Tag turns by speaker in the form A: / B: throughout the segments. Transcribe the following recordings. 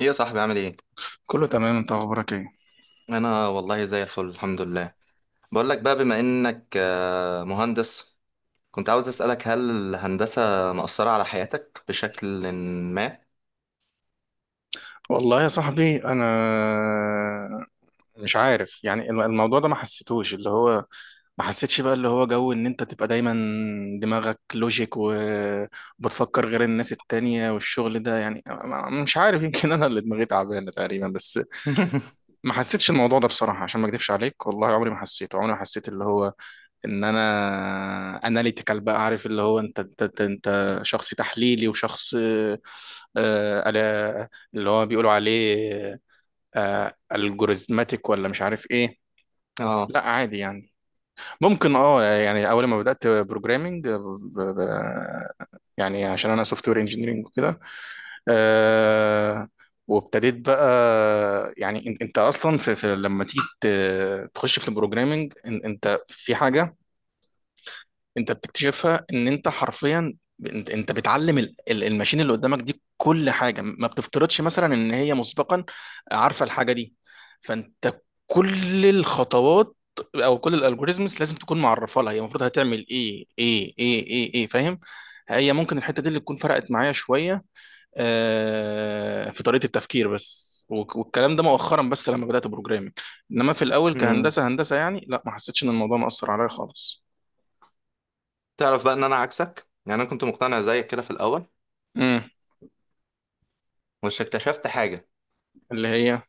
A: ايه يا صاحبي، عامل ايه؟
B: كله تمام، انت اخبارك ايه؟
A: انا والله زي الفل، الحمد لله. بقول لك بقى، بما انك مهندس، كنت عاوز اسالك، هل الهندسه مأثره على حياتك بشكل ما؟
B: والله يا صاحبي انا مش عارف يعني الموضوع ده ما حسيتوش. اللي هو ما حسيتش بقى اللي هو جو ان انت تبقى دايما دماغك لوجيك وبتفكر غير الناس التانية والشغل ده. يعني مش عارف، يمكن انا اللي دماغي تعبانة تقريبا، بس ما حسيتش الموضوع ده بصراحة، عشان ما اكدبش عليك، والله عمري ما حسيته. عمري ما حسيت اللي هو ان انا اناليتيكال، بقى عارف اللي هو انت شخص تحليلي وشخص آه، على- اللي هو بيقولوا عليه الجوريزماتيك ولا مش عارف ايه.
A: اه.
B: لا عادي يعني. ممكن اه، يعني اول ما بدات بروجرامنج، يعني عشان انا سوفت وير انجينيرنج وكده، آه، وابتديت بقى يعني انت اصلا في لما تيجي تخش في البروجرامنج انت في حاجه انت بتكتشفها ان انت حرفيا انت بتعلم الماشين اللي قدامك دي كل حاجه. ما بتفترضش مثلا ان هي مسبقا عارفه الحاجه دي. فانت كل الخطوات او كل الالجوريزمز لازم تكون معرفه لها هي المفروض هتعمل ايه ايه ايه ايه ايه، فاهم؟ هي ممكن الحته دي اللي تكون فرقت معايا شويه في طريقه التفكير بس. والكلام ده مؤخرا بس لما بدات بروجرامنج. انما في الاول
A: مم.
B: كهندسه هندسه يعني لا، ما حسيتش ان الموضوع مأثر عليا خالص.
A: تعرف بقى ان انا عكسك، يعني انا كنت مقتنع زيك كده في الاول،
B: امم.
A: بس اكتشفت حاجه.
B: اللي هي.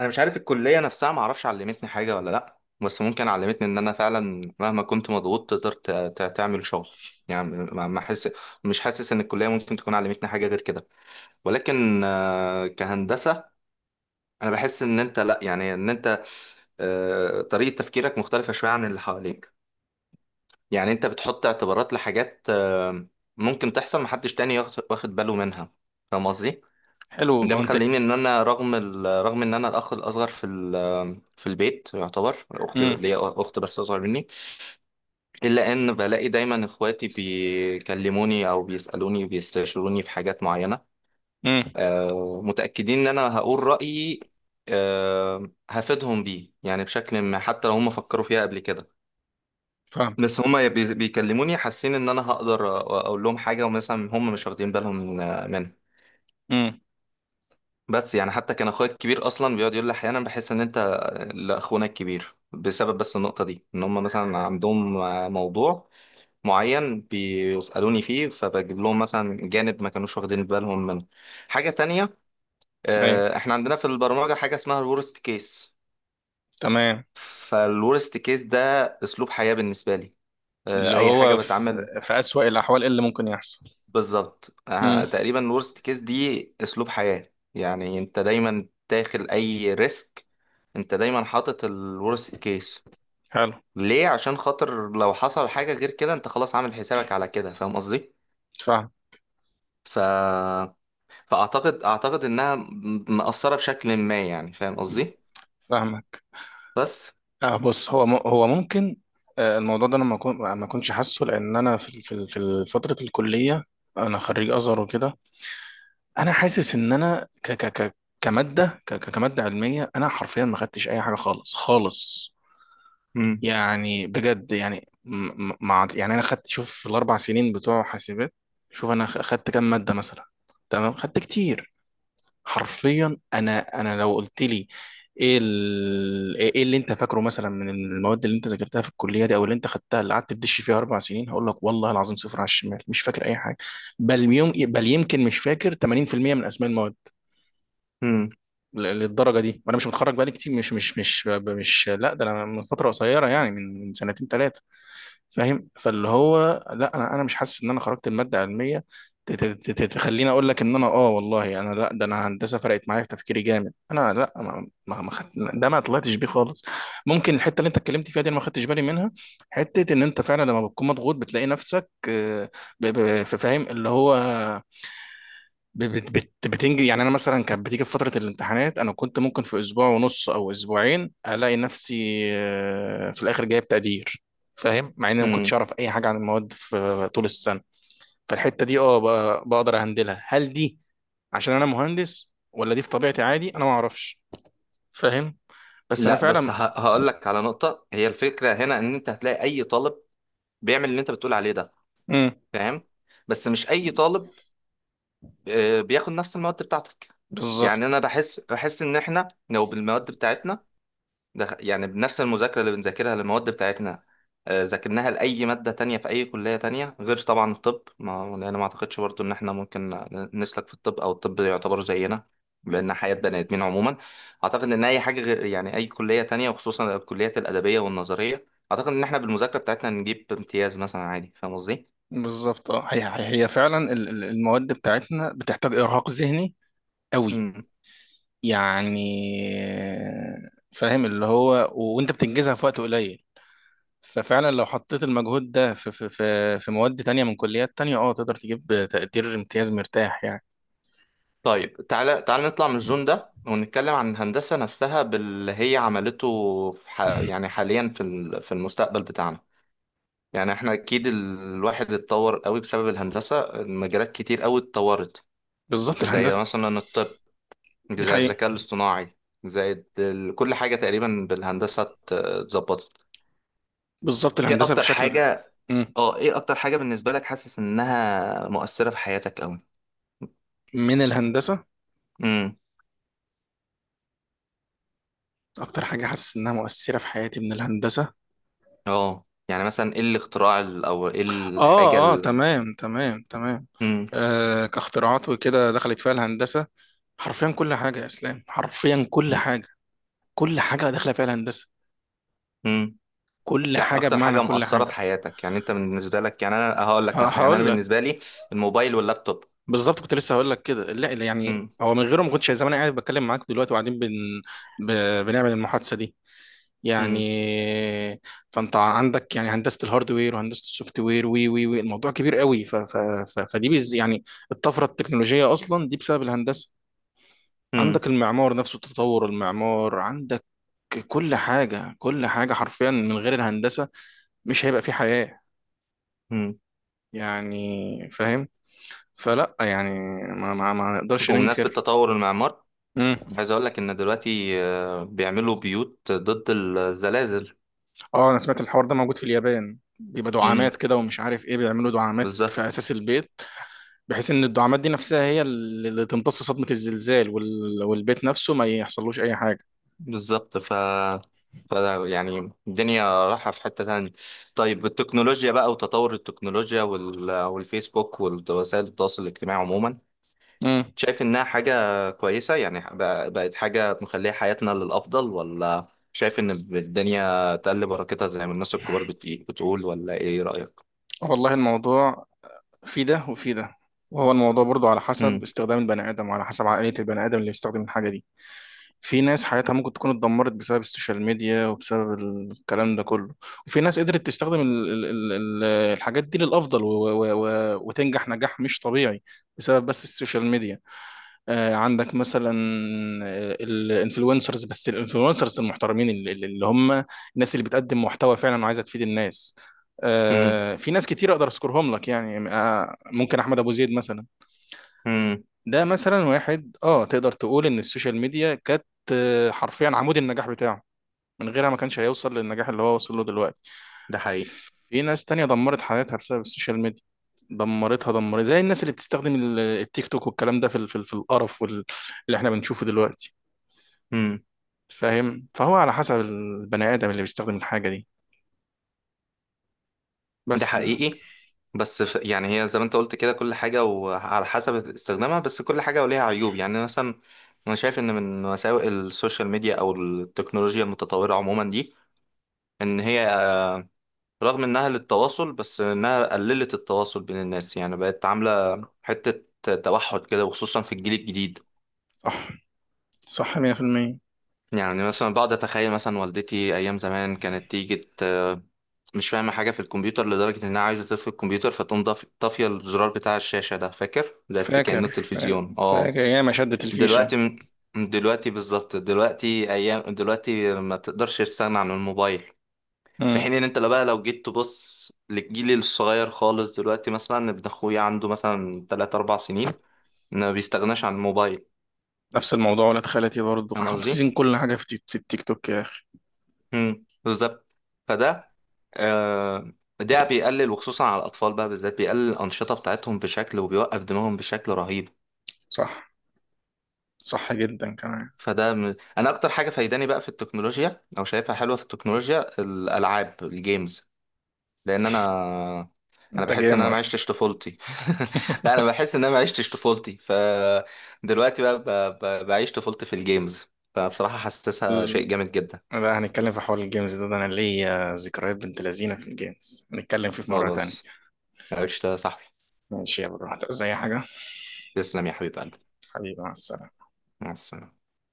A: انا مش عارف الكليه نفسها ما اعرفش علمتني حاجه ولا لا، بس ممكن علمتني ان انا فعلا مهما كنت مضغوط تقدر تعمل شغل. يعني ما ما احس مش حاسس ان الكليه ممكن تكون علمتني حاجه غير كده. ولكن كهندسة، أنا بحس إن أنت لأ، يعني إن أنت طريقة تفكيرك مختلفة شوية عن اللي حواليك. يعني أنت بتحط اعتبارات لحاجات ممكن تحصل محدش تاني واخد باله منها. فاهم قصدي؟
B: حلو،
A: ده
B: منطق.
A: مخليني إن أنا، رغم رغم إن أنا الأخ الأصغر في في البيت، يعتبر أخت
B: امم.
A: ليا، أخت بس أصغر مني، إلا إن بلاقي دايما إخواتي بيكلموني أو بيسألوني بيستشيروني في حاجات معينة،
B: امم.
A: متأكدين إن أنا هقول رأيي، هفيدهم بيه يعني بشكل ما، حتى لو هم فكروا فيها قبل كده.
B: فاهم.
A: بس هم بيكلموني حاسين إن أنا هقدر أقول لهم حاجة ومثلا هم مش واخدين بالهم منها.
B: امم.
A: بس يعني حتى كان أخويا الكبير أصلا بيقعد يقول لي أحيانا بحس إن أنت لأخونا الكبير، بسبب بس النقطة دي إن هم مثلا عندهم موضوع معين بيسألوني فيه، فبجيب لهم مثلا جانب ما كانوش واخدين بالهم منه. حاجة تانية،
B: ايوه،
A: احنا عندنا في البرمجة حاجة اسمها الورست كيس.
B: تمام.
A: فالورست كيس ده اسلوب حياة بالنسبة لي.
B: اللي
A: اي حاجة
B: هو في,
A: بتعمل.
B: في أسوأ الأحوال إيه اللي ممكن يحصل؟
A: بالظبط،
B: امم.
A: تقريبا الورست كيس دي اسلوب حياة. يعني انت دايما داخل اي ريسك، انت دايما حاطط الورست كيس.
B: حلو.
A: ليه؟ عشان خاطر لو حصل حاجة غير كده انت خلاص عامل حسابك على كده. فاهم قصدي؟
B: فاهم.
A: ف... فاعتقد انها مأثرة بشكل ما يعني. فاهم قصدي؟
B: فاهمك.
A: بس.
B: آه بص، هو ممكن. آه الموضوع ده أنا ما كنتش حاسه، لأن أنا في فترة الكلية. أنا خريج أزهر وكده. أنا حاسس إن أنا كمادة علمية، أنا حرفيا ما خدتش أي حاجة خالص خالص.
A: مم.
B: يعني بجد يعني مع يعني انا خدت، شوف في الاربع سنين بتوع حاسبات، شوف انا خدت كام ماده مثلا. تمام، خدت كتير. حرفيا انا لو قلت لي ايه إيه اللي انت فاكره مثلا من المواد اللي انت ذاكرتها في الكليه دي او اللي انت خدتها اللي قعدت تدش فيها اربع سنين، هقول لك والله العظيم صفر على الشمال، مش فاكر اي حاجه. بل يوم بل يمكن مش فاكر 80% من اسماء المواد للدرجه دي، وانا مش متخرج بقالي كتير، مش مش مش مش لا ده انا من فتره قصيره، يعني من سنتين ثلاثه. فاهم؟ فاللي هو لا، انا مش حاسس ان انا خرجت الماده علميه تخليني اقول لك ان انا اه، والله انا لا، ده انا هندسه فرقت معايا في تفكيري جامد. انا لا، ما خدت ده، ما طلعتش بيه خالص. ممكن الحته اللي انت اتكلمت فيها دي انا ما خدتش بالي منها، حته ان انت فعلا لما بتكون مضغوط بتلاقي نفسك فاهم اللي هو بتنجز يعني. انا مثلا كانت بتيجي في فتره الامتحانات، انا كنت ممكن في اسبوع ونص او اسبوعين الاقي نفسي في الاخر جايب تقدير. فاهم؟ مع اني ما كنتش
A: مم.
B: اعرف اي حاجه عن المواد في طول السنه. فالحته دي اه، بقدر اهندلها. هل دي عشان انا مهندس ولا دي في طبيعتي عادي؟ انا ما اعرفش. فاهم. بس انا
A: لا، بس
B: فعلا.
A: هقول لك على نقطة. هي الفكرة هنا ان انت هتلاقي اي طالب بيعمل اللي انت بتقول عليه ده.
B: امم.
A: فاهم؟ بس مش اي طالب بياخد نفس المواد بتاعتك. يعني
B: بالظبط.
A: انا بحس ان احنا لو بالمواد بتاعتنا، ده يعني بنفس المذاكرة اللي بنذاكرها للمواد بتاعتنا، ذاكرناها لأي مادة تانية في أي كلية تانية، غير طبعا الطب، ما لأن ما أعتقدش برضو إن إحنا ممكن نسلك في الطب أو الطب يعتبر زينا، لأن حياة بني آدمين عموما. أعتقد إن أي حاجة غير، يعني، أي كلية تانية، وخصوصا الكليات الأدبية والنظرية، أعتقد إن إحنا بالمذاكرة بتاعتنا نجيب امتياز مثلا عادي. فاهم قصدي؟
B: بالظبط اه، هي فعلا المواد بتاعتنا بتحتاج ارهاق ذهني قوي،
A: مم.
B: يعني فاهم اللي هو، وانت بتنجزها في وقت قليل. ففعلا لو حطيت المجهود ده في مواد تانية من كليات تانية، اه تقدر تجيب تقدير امتياز مرتاح يعني.
A: طيب، تعالى تعالى نطلع من الزون ده، ونتكلم عن الهندسة نفسها، باللي هي عملته في يعني حاليا في في المستقبل بتاعنا. يعني احنا اكيد الواحد اتطور قوي بسبب الهندسة، المجالات كتير قوي اتطورت.
B: بالظبط
A: زي
B: الهندسة.
A: مثلا الطب،
B: دي
A: زي
B: حقيقة.
A: الذكاء الاصطناعي، زي كل حاجة تقريبا بالهندسة اتظبطت.
B: بالظبط
A: ايه
B: الهندسة
A: اكتر
B: بشكل.
A: حاجة
B: مم.
A: اه ايه اكتر حاجة بالنسبة لك حاسس انها مؤثرة في حياتك قوي؟
B: من الهندسة.
A: امم.
B: اكتر حاجة حاسس انها مؤثرة في حياتي من الهندسة.
A: اه يعني مثلا ايه الاختراع او ايه الحاجة
B: اه اه، تمام تمام تمام.
A: امم.
B: آه كاختراعات وكده، دخلت فيها الهندسة حرفيا كل حاجة، يا اسلام حرفيا كل حاجة، كل حاجة داخلة فيها الهندسة،
A: امم.
B: كل
A: لا،
B: حاجه
A: اكتر
B: بمعنى
A: حاجة
B: كل
A: مؤثرة في
B: حاجه.
A: حياتك يعني انت بالنسبة لك. يعني انا هقول لك مثلا، يعني انا
B: هقول لك
A: بالنسبة لي الموبايل واللابتوب.
B: بالظبط، كنت لسه هقول لك كده. لا لا، يعني هو من غيره ما كنتش زمان قاعد بتكلم معاك دلوقتي وقاعدين ب... بنعمل المحادثه دي يعني.
A: امم.
B: فانت عندك يعني هندسه الهاردوير وهندسه السوفت وير، وي وي وي الموضوع كبير قوي فدي يعني الطفره التكنولوجيه اصلا دي بسبب الهندسه.
A: امم.
B: عندك المعمار نفسه، تطور المعمار عندك. كل حاجه كل حاجه حرفيا من غير الهندسه مش هيبقى في حياه
A: امم.
B: يعني، فاهم. فلا يعني، ما نقدرش
A: بمناسبة
B: ننكر.
A: تطور المعمار،
B: امم.
A: عايز اقول لك ان دلوقتي بيعملوا بيوت ضد الزلازل.
B: اه انا سمعت الحوار ده موجود في اليابان، بيبقى دعامات
A: امم.
B: كده ومش عارف ايه، بيعملوا دعامات في
A: بالظبط.
B: اساس البيت بحيث ان الدعامات دي نفسها هي اللي تمتص صدمة الزلزال، والبيت نفسه ما يحصلوش اي حاجة.
A: بالظبط. ف يعني الدنيا رايحة في حتة تانية. طيب التكنولوجيا بقى، وتطور التكنولوجيا، والفيسبوك ووسائل التواصل الاجتماعي عموما،
B: امم.
A: شايف انها حاجة كويسة؟ يعني بقت حاجة مخلية حياتنا للأفضل، ولا شايف ان الدنيا تقل بركتها زي ما الناس الكبار بتقول، ولا ايه رأيك؟
B: والله الموضوع في ده وفي ده. وهو الموضوع برضو على حسب استخدام البني ادم وعلى حسب عقلية البني ادم اللي بيستخدم الحاجة دي. في ناس حياتها ممكن تكون اتدمرت بسبب السوشيال ميديا وبسبب الكلام ده كله. وفي ناس قدرت تستخدم الحاجات دي للأفضل و و و وتنجح نجاح مش طبيعي بسبب بس السوشيال ميديا. آه عندك مثلا الانفلونسرز، بس الانفلونسرز المحترمين اللي هم الناس اللي بتقدم محتوى فعلا وعايزة تفيد الناس.
A: امم.
B: آه في ناس كتير اقدر اذكرهم لك يعني، آه ممكن احمد ابو زيد مثلا.
A: امم.
B: ده مثلا واحد، اه تقدر تقول ان السوشيال ميديا كانت حرفيا عمود النجاح بتاعه، من غيرها ما كانش هيوصل للنجاح اللي هو وصل له دلوقتي.
A: ده حقيقي.
B: في ناس تانية دمرت حياتها بسبب السوشيال ميديا، دمرتها، دمرت زي الناس اللي بتستخدم التيك توك والكلام ده في القرف اللي احنا بنشوفه دلوقتي.
A: امم.
B: فاهم، فهو على حسب البني آدم اللي بيستخدم الحاجة دي
A: ده
B: بس.
A: حقيقي بس. يعني هي زي ما انت قلت كده، كل حاجة وعلى حسب استخدامها، بس كل حاجة وليها عيوب، يعني مثلا، انا شايف ان من مساوئ السوشيال ميديا او التكنولوجيا المتطورة عموما دي، ان هي رغم انها للتواصل، بس انها قللت التواصل بين الناس، يعني بقت عاملة حتة توحد كده، وخصوصا في الجيل الجديد.
B: صح، صح 100%.
A: يعني مثلا بقعد اتخيل مثلا والدتي ايام زمان كانت تيجي مش فاهمه حاجه في الكمبيوتر، لدرجه انها عايزه تطفي الكمبيوتر، فتقوم طافيه الزرار بتاع الشاشه ده، فاكر ده، كانه التلفزيون. اه.
B: فاكر ياما شدت الفيشة.
A: دلوقتي م- دلوقتي بالظبط، دلوقتي، ايام دلوقتي ما تقدرش تستغنى عن الموبايل. في
B: مم.
A: حين ان انت لو بقى، لو جيت تبص للجيل الصغير خالص دلوقتي، مثلا ابن اخويا عنده مثلا 3 4 سنين ما بيستغناش عن الموبايل.
B: نفس الموضوع، ولاد خالتي برضه
A: فاهم قصدي؟
B: حافظين كل حاجة في التيك توك يا أخي.
A: امم. بالظبط. فده آه ده بيقلل، وخصوصا على الاطفال بقى بالذات، بيقلل الانشطه بتاعتهم بشكل، وبيوقف دماغهم بشكل رهيب.
B: صح، صح جدا كمان.
A: انا اكتر حاجه فايداني بقى في التكنولوجيا، او شايفها حلوه في التكنولوجيا، الالعاب، الجيمز. لان انا
B: انت
A: بحس ان انا ما
B: جيمر.
A: عشتش طفولتي. لا انا بحس ان انا ما عشتش طفولتي، فدلوقتي بقى بعيش طفولتي في الجيمز. فبصراحه حاسسها شيء
B: ال-
A: جامد جدا.
B: بقى هنتكلم في حوار الجيمز ده انا ليا ذكريات بنت لذينه في الجيمز، هنتكلم فيه في مره تانية.
A: خلاص. عشت يا صاحبي.
B: ماشي يا برو، هتعوز اي حاجه؟
A: تسلم يا حبيب قلبي.
B: حبيبي مع السلامه.
A: مع السلامه.